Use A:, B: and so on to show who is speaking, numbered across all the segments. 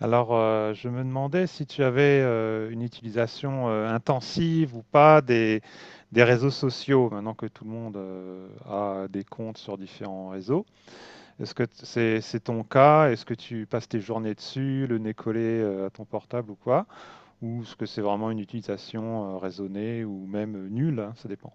A: Alors, je me demandais si tu avais une utilisation intensive ou pas des réseaux sociaux, maintenant que tout le monde a des comptes sur différents réseaux. Est-ce que c'est ton cas? Est-ce que tu passes tes journées dessus, le nez collé à ton portable ou quoi? Ou est-ce que c'est vraiment une utilisation raisonnée ou même nulle, hein, ça dépend.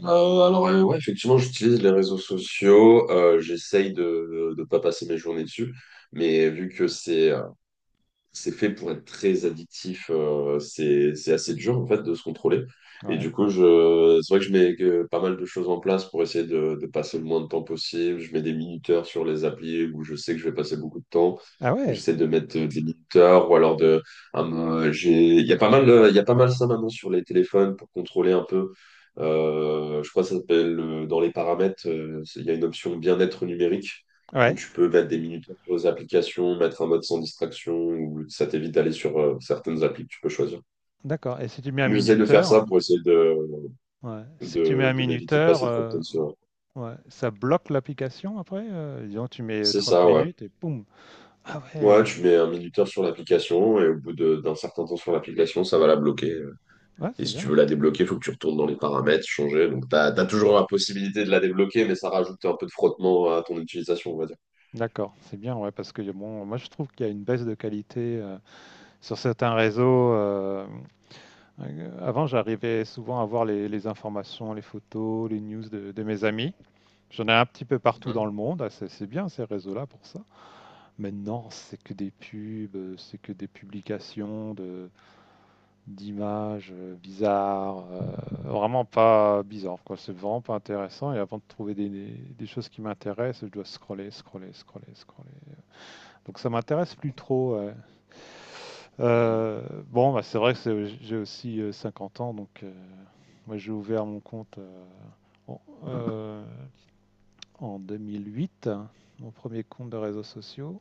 B: Alors, ouais, effectivement, j'utilise les réseaux sociaux. J'essaye de ne pas passer mes journées dessus. Mais vu que c'est fait pour être très addictif. C'est assez dur, en fait, de se contrôler. Et
A: Ouais.
B: du coup, c'est vrai que je mets pas mal de choses en place pour essayer de passer le moins de temps possible. Je mets des minuteurs sur les applis où je sais que je vais passer beaucoup de temps.
A: Ah ouais,
B: J'essaie de mettre des minuteurs ou alors un, euh, j'ai, il y a pas mal ça maintenant sur les téléphones pour contrôler un peu. Je crois que ça s'appelle, dans les paramètres, il y a une option bien-être numérique où
A: ouais,
B: tu peux mettre des minutes sur les applications, mettre un mode sans distraction, ou ça t'évite d'aller sur certaines applis que tu peux choisir.
A: d'accord. Et si tu mets un
B: Donc, j'essaie de faire
A: minuteur,
B: ça pour essayer de,
A: ouais. Si tu mets un
B: de, de m'éviter de
A: minuteur,
B: passer trop de temps sur.
A: ouais, ça bloque l'application après? Disons, tu mets
B: C'est
A: 30
B: ça, ouais.
A: minutes et boum. Ah
B: Ouais,
A: ouais,
B: tu mets un minuteur sur l'application et au bout d'un certain temps sur l'application, ça va la bloquer.
A: ouais,
B: Et
A: c'est
B: si tu
A: bien.
B: veux la débloquer, il faut que tu retournes dans les paramètres, changer. Donc, tu as toujours la possibilité de la débloquer, mais ça rajoute un peu de frottement à ton utilisation, on va dire.
A: D'accord, c'est bien, ouais, parce que bon, moi je trouve qu'il y a une baisse de qualité sur certains réseaux. Avant, j'arrivais souvent à voir les informations, les photos, les news de mes amis. J'en ai un petit peu partout dans
B: Mhm.
A: le monde. Ah, c'est bien ces réseaux-là pour ça. Maintenant, c'est que des pubs, c'est que des publications de, d'images bizarres, vraiment pas bizarre, quoi. C'est vraiment pas intéressant. Et avant de trouver des choses qui m'intéressent, je dois scroller, scroller, scroller, scroller. Donc ça m'intéresse plus trop. Ouais.
B: Mhm.
A: Euh, bon, bah, c'est vrai que j'ai aussi 50 ans, donc moi j'ai ouvert mon compte en, euh, en 2008, hein, mon premier compte de réseaux sociaux,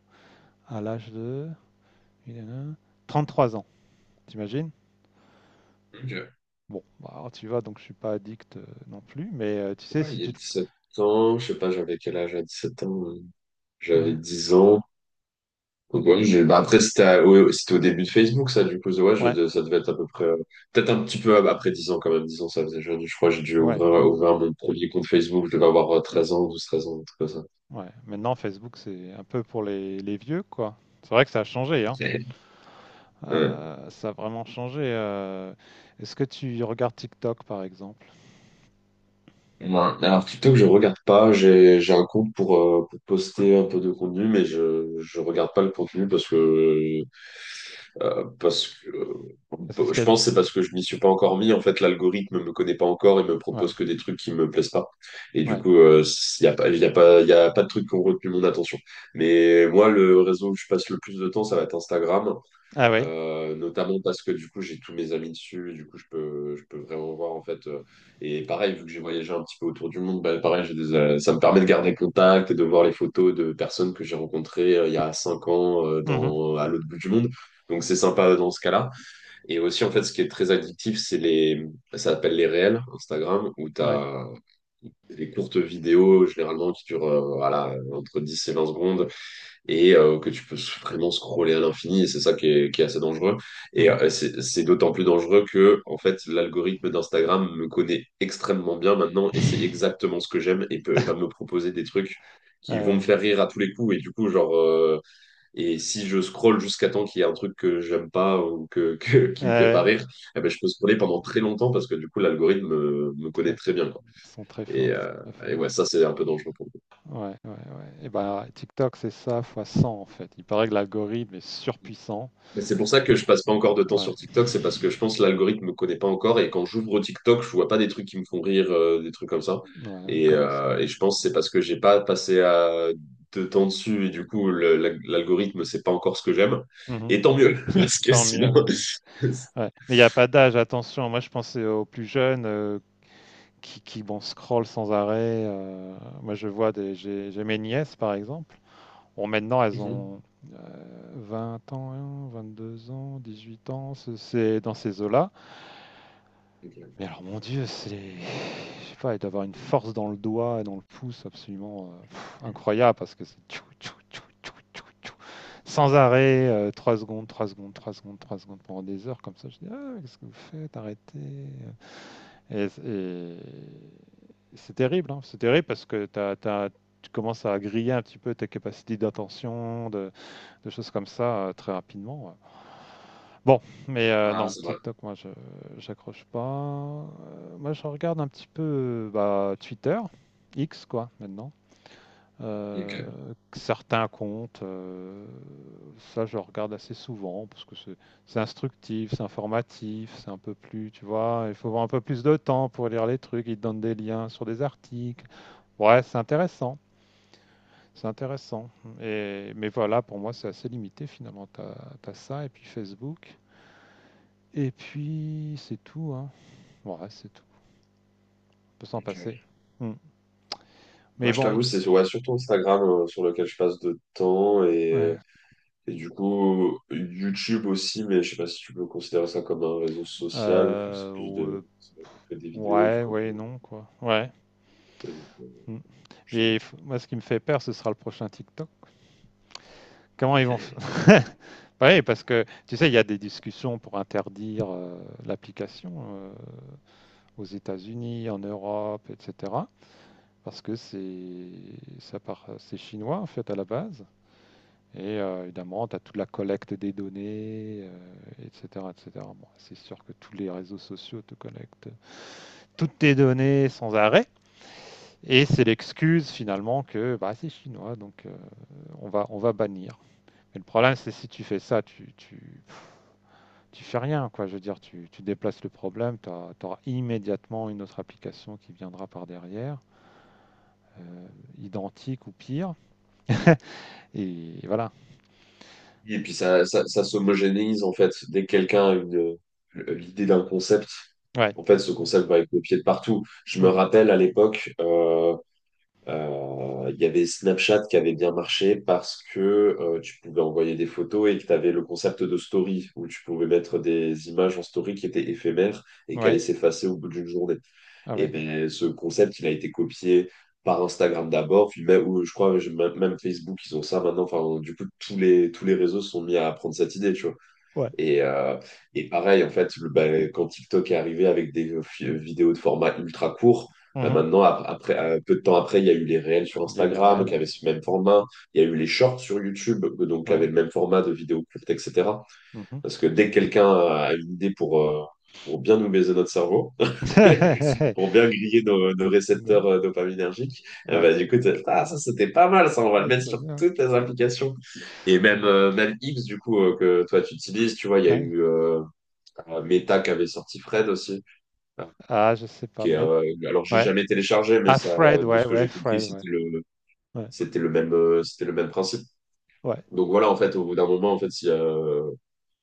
A: à l'âge de 33 ans, t'imagines?
B: OK.
A: Bon, bah, alors tu vois, donc je suis pas addict, non plus, mais tu sais,
B: Ouais,
A: si
B: il y a
A: tu te
B: 17 ans, je sais pas, j'avais quel âge à 7 ans. J'avais
A: ouais,
B: 10 ans. Donc, ouais, bah, après, c'était ouais, ouais, c'était au début de Facebook, ça, du coup, ouais,
A: ouais,
B: ça devait être à peu près, peut-être un petit peu après 10 ans, quand même. 10 ans, ça faisait jeune. Je crois que j'ai dû
A: ouais,
B: ouvrir mon premier compte Facebook. Je devais avoir 13 ans, 12 13 ans, un truc comme ça.
A: ouais. Maintenant, Facebook, c'est un peu pour les vieux, quoi. C'est vrai que ça a changé, hein.
B: Ouais. Ouais.
A: Ça a vraiment changé. Est-ce que tu regardes TikTok, par exemple?
B: Ouais. Alors TikTok, je regarde pas. J'ai un compte pour poster un peu de contenu, mais je regarde pas le contenu parce que euh, parce que
A: C'est ce
B: euh, je
A: qu'il y a.
B: pense que c'est parce que je m'y suis pas encore mis. En fait, l'algorithme me connaît pas encore et me propose
A: Ouais,
B: que des trucs qui me plaisent pas. Et du
A: ouais.
B: coup, il y a pas de trucs qui ont retenu mon attention. Mais moi, le réseau où je passe le plus de temps, ça va être Instagram.
A: Ah oui?
B: Notamment parce que du coup j'ai tous mes amis dessus, du coup je peux, vraiment voir en fait. Et pareil, vu que j'ai voyagé un petit peu autour du monde, bah, pareil, ça me permet de garder contact et de voir les photos de personnes que j'ai rencontrées il y a 5 ans euh,
A: Mmh.
B: dans, à
A: Mmh.
B: l'autre bout du monde. Donc c'est sympa dans ce cas-là. Et aussi en fait ce qui est très addictif, c'est ça s'appelle les réels Instagram, où
A: Ouais.
B: t'as les courtes vidéos généralement qui durent voilà, entre 10 et 20 secondes et que tu peux vraiment scroller à l'infini, et c'est ça qui est assez dangereux. Et
A: Mmh.
B: euh, c'est d'autant plus dangereux que, en fait, l'algorithme d'Instagram me connaît extrêmement bien maintenant, et c'est exactement ce que j'aime, et va me proposer des trucs qui
A: Ah
B: vont me
A: ouais.
B: faire rire à tous les coups, et du coup, genre, et si je scrolle jusqu'à temps qu'il y ait un truc que j'aime pas ou
A: Ouais,
B: qui me fait pas
A: ouais.
B: rire, eh ben, je peux scroller pendant très longtemps parce que du coup, l'algorithme me connaît
A: Très
B: très bien,
A: fort.
B: quoi.
A: Ils sont très
B: Et,
A: forts, ils sont
B: euh,
A: très
B: et ouais,
A: forts.
B: ça, c'est un peu dangereux pour moi.
A: Ouais, ouais, ouais. Et ben TikTok, c'est ça fois 100 en fait. Il paraît que l'algorithme est surpuissant.
B: Mais c'est pour ça que je passe pas
A: Et
B: encore de temps
A: ouais.
B: sur TikTok, c'est parce que je pense que l'algorithme me connaît pas encore et quand j'ouvre TikTok, je vois pas des trucs qui me font rire, des trucs comme ça.
A: Ouais, ouais,
B: Et,
A: commence
B: euh,
A: enfin.
B: et je pense que c'est parce que j'ai pas passé de temps dessus et du coup l'algorithme sait pas encore ce que j'aime.
A: Mmh.
B: Et tant mieux, parce que
A: Tant
B: sinon.
A: mieux. Ouais, mais il y a pas d'âge, attention. Moi, je pensais aux plus jeunes, qui, bon, scrollent sans arrêt, moi, je vois des j'ai mes nièces, par exemple. Bon, maintenant, elles
B: Mhm.
A: ont, heu, 20 ans, 2 ans, 18 ans, ce c'est dans ces eaux-là.
B: OK.
A: Mais alors, mon Dieu, c'est. Je sais pas, et d'avoir une force dans le doigt et dans le pouce absolument pff, incroyable parce que c'est tchou, tchou, tchou, tchou, tchou, tchou, sans arrêt, 3 secondes, 3 secondes, 3 secondes, 3 secondes pendant des heures comme ça. Je dis, ah, qu'est-ce que vous faites? Arrêtez. Et c'est terrible, hein. C'est terrible parce que tu commences à griller un petit peu tes capacités d'attention, de choses comme ça très rapidement. Ouais. Bon, mais
B: Ah,
A: non,
B: c'est vrai.
A: TikTok, moi je j'accroche pas. Moi je regarde un petit peu, bah, Twitter, X quoi maintenant. Heu,
B: OK.
A: certains comptes, ça je regarde assez souvent parce que c'est instructif, c'est informatif, c'est un peu plus, tu vois? Il faut avoir un peu plus de temps pour lire les trucs, ils te donnent des liens sur des articles. Ouais, c'est intéressant mais voilà, pour moi c'est assez limité finalement. Tu as ça et puis Facebook. Et puis c'est tout, hein. Ouais, c'est tout. On peut s'en
B: OK.
A: passer. Mmh.
B: Moi,
A: Mais
B: je
A: bon,
B: t'avoue, c'est ouais, surtout Instagram sur lequel je passe de temps.
A: ouais.
B: Et du coup, YouTube aussi, mais je sais pas si tu peux considérer ça comme un réseau social, vu que
A: Euh, ou- euh,
B: c'est des vidéos, du
A: ouais, ouais,
B: contenu.
A: non, quoi. Ouais.
B: Et,
A: Mmh. Mais il moi, ce qui me fait peur, ce sera le prochain TikTok. Comment ils vont f- Ouais, parce que tu sais, il y a des discussions pour interdire l'application aux États-Unis, en Europe, etc. Parce que c'est ça part, c'est chinois en fait à la base. Et évidemment, tu as toute la collecte des données, etc. etc. Bon, c'est sûr que tous les réseaux sociaux te collectent toutes tes données sans arrêt. Et c'est l'excuse finalement que bah, c'est chinois, donc on va bannir. Mais le problème, c'est si tu fais ça, fais rien, quoi. Je veux dire, tu déplaces le problème, tu auras immédiatement une autre application qui viendra par derrière, euh, identique ou pire. Et voilà.
B: Et puis ça s'homogénéise en fait. Dès que quelqu'un a l'idée d'un concept,
A: Ouais.
B: en fait, ce concept va être copié de partout. Je me
A: Mmh.
B: rappelle à l'époque, il y avait Snapchat qui avait bien marché parce que tu pouvais envoyer des photos et que tu avais le concept de story où tu pouvais mettre des images en story qui étaient éphémères et qui allaient
A: Ouais.
B: s'effacer au bout d'une journée.
A: Ah
B: Et
A: ouais.
B: ben ce concept, il a été copié par Instagram d'abord, puis même, ou je crois même Facebook, ils ont ça maintenant. Enfin, du coup, tous les réseaux sont mis à prendre cette idée, tu vois.
A: Ouais.
B: Et, euh, et pareil, en fait, bah, quand TikTok est arrivé avec des vidéos de format ultra court, bah
A: Mmh.
B: maintenant, après, peu de temps après, il y a eu les réels sur
A: Il y a
B: Instagram
A: l'IRL,
B: qui avaient
A: ouais.
B: ce même format. Il y a eu les shorts sur YouTube, donc qui
A: Ouais.
B: avaient le même format de vidéos courtes, etc.
A: Mmh.
B: Parce que dès que
A: Absolument.
B: quelqu'un a une idée pour bien nous baiser notre cerveau, pour bien griller nos
A: De
B: récepteurs dopaminergiques,
A: ouais.
B: bah, du coup, ah, ça c'était pas mal, ça, on va le
A: Ouais,
B: mettre
A: c'est
B: sur
A: bien,
B: toutes les applications. Et même X, du coup, que toi tu utilises, tu vois, il y
A: ouais.
B: a
A: Ouais.
B: eu Meta qui avait sorti Fred aussi. euh,
A: Ah, je sais pas,
B: Qui est,
A: mais
B: euh, j'ai
A: ouais.
B: jamais téléchargé, mais
A: Ah
B: ça, de ce que j'ai compris,
A: Fred, ouais.
B: c'était
A: Ouais,
B: c'était le même principe.
A: ouais.
B: Donc voilà, en fait, au bout d'un moment, en fait, si,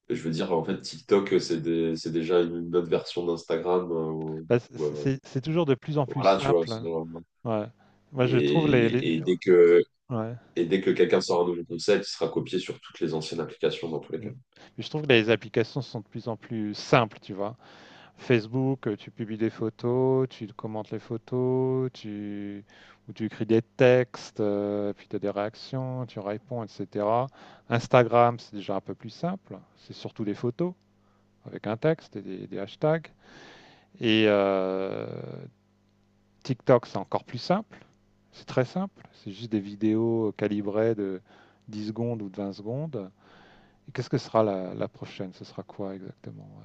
B: et je veux dire, en fait, TikTok, c'est déjà une autre version d'Instagram.
A: Bah, c'est
B: Ou,
A: c'est
B: euh,
A: c'est c'est toujours de plus en plus
B: voilà, tu vois.
A: simple, hein. Ouais. Moi, je trouve les
B: Et, et dès que,
A: ouais.
B: et dès que quelqu'un sort un nouveau concept, il sera copié sur toutes les anciennes applications, dans tous les
A: Mmh.
B: cas.
A: Mais je trouve que les applications sont de plus en plus simples, tu vois? Facebook, tu publies des photos, tu commentes les photos, ou tu écris des textes, puis tu as des réactions, tu réponds, etc. Instagram, c'est déjà un peu plus simple. C'est surtout des photos avec un texte et des hashtags. Et euh, TikTok, c'est encore plus simple. C'est très simple. C'est juste des vidéos calibrées de 10 secondes ou de 20 secondes. Et qu'est-ce que sera la prochaine? Ce sera quoi exactement? Ouais.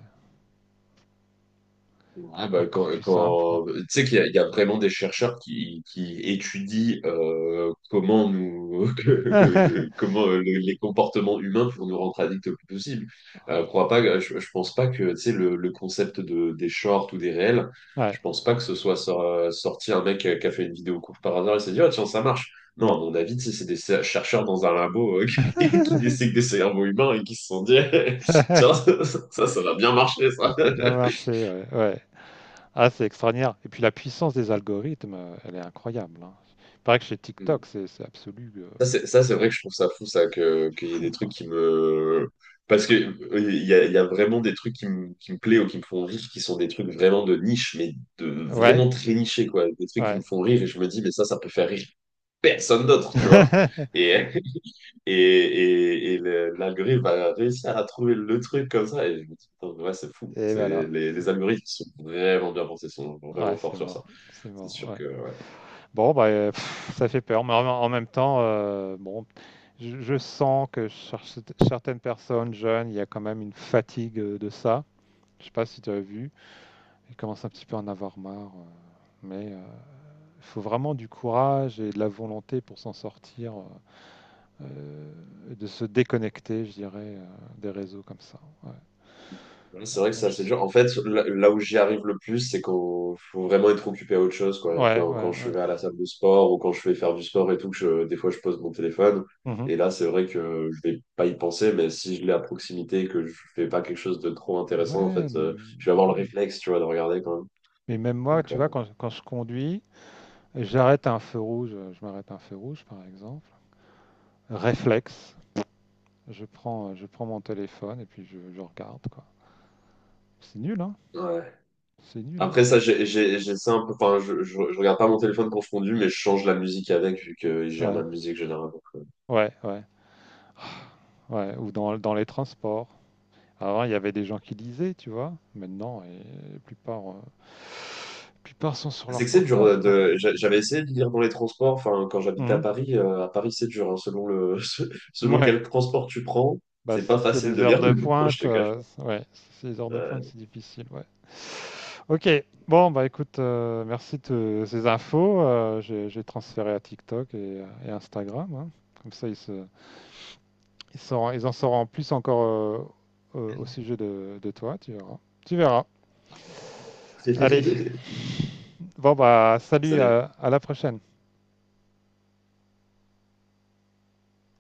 B: Ouais, bah,
A: Encore plus simple, quoi.
B: tu sais qu'il y a vraiment des chercheurs qui étudient comment nous les comportements humains pour nous rendre addicts le plus possible. Crois pas, que- je pense pas que tu sais, le concept des shorts ou des réels,
A: Ouais.
B: je pense pas que ce soit sorti un mec qui a fait une vidéo courte par hasard et s'est dit: Ah, tiens, ça marche. Non,
A: Non.
B: à mon avis, tu sais, c'est des chercheurs dans un labo qui dissèquent des cerveaux humains et qui se sont dit Tiens, ça, ça va bien marcher
A: Ça,
B: ça.
A: c'est bien marché, ouais. Ouais. Ah, c'est extraordinaire. Et puis la puissance des algorithmes, elle est incroyable, hein. Il paraît que chez TikTok, c'est absolu
B: Ça, c'est vrai que je trouve ça fou, ça, qu'il y ait
A: fou,
B: des trucs
A: quoi.
B: qui me... Parce que il y a vraiment des trucs qui me plaisent ou qui me font rire, qui sont des trucs vraiment de niche, mais
A: Ouais,
B: vraiment très nichés, quoi. Des trucs qui me
A: ouais.
B: font rire, et je me dis, mais ça peut faire rire personne d'autre, tu vois. Et, et l'algorithme va réussir à trouver le truc comme ça, et je me dis, putain, ouais, c'est fou.
A: Et
B: C'est,
A: voilà.
B: les, les algorithmes sont vraiment bien pensés, sont
A: Ouais,
B: vraiment forts
A: c'est
B: sur ça.
A: mort. C'est
B: C'est
A: mort,
B: sûr
A: ouais.
B: que ouais.
A: Bon, bah, pff, ça fait peur, mais en même temps, bon, je sens que certaines personnes jeunes, il y a quand même une fatigue de ça. Je sais pas si tu as vu. Ils commencent un petit peu à en avoir marre, mais Il faut vraiment du courage et de la volonté pour s'en sortir, et de se déconnecter, je dirais, des réseaux comme ça. Ouais,
B: Ouais,
A: bon,
B: c'est vrai que
A: moi,
B: c'est assez dur. En fait, là où j'y arrive le plus, c'est qu'on faut vraiment être occupé à autre chose, quoi.
A: ouais,
B: Quand,
A: ouais.
B: quand je
A: Ouais.
B: vais à la salle de sport ou quand je vais faire du sport et tout, que des fois je pose mon téléphone.
A: Mhm.
B: Et là, c'est vrai que je vais pas y penser, mais si je l'ai à proximité et que je fais pas quelque chose de trop intéressant, en fait,
A: Ouais, mais,
B: je vais avoir le réflexe, tu vois, de regarder quand même.
A: mais même moi,
B: Donc,
A: tu vois, quand je conduis, j'arrête à un feu rouge, je m'arrête à un feu rouge, par exemple. Réflexe, je prends mon téléphone et puis je regarde, quoi. C'est nul, hein?
B: ouais.
A: C'est nul, hein?
B: Après ça, j'ai ça un peu. Enfin, je regarde pas mon téléphone quand je conduis, mais je change la musique avec, vu que je gère
A: Ouais,
B: ma musique généralement.
A: ouais, ouais, ouais. Ou dans les transports. Avant, il y avait des gens qui lisaient, tu vois. Maintenant, la plupart sont sur
B: C'est
A: leur
B: que c'est dur
A: portable,
B: euh,
A: quoi.
B: de. j'a- J'avais essayé de lire dans les transports. Enfin, quand j'habitais à
A: Mhm.
B: Paris, à Paris, c'est dur, hein, selon
A: Ouais.
B: quel transport tu prends,
A: Bah,
B: c'est pas
A: si c'est
B: facile
A: les
B: de
A: heures
B: lire.
A: de
B: Je
A: pointe,
B: te cache
A: ouais, si c'est les heures de pointe,
B: pas.
A: c'est difficile, ouais. Ok. Bon, bah, écoute, merci de ces infos. J'ai transféré à TikTok et Instagram, hein. Comme ça, ils en sauront plus encore au sujet de toi, tu verras. Tu verras. Allez.
B: Ouais.
A: Bon, bah,
B: Ça
A: salut,
B: l'est
A: à la prochaine.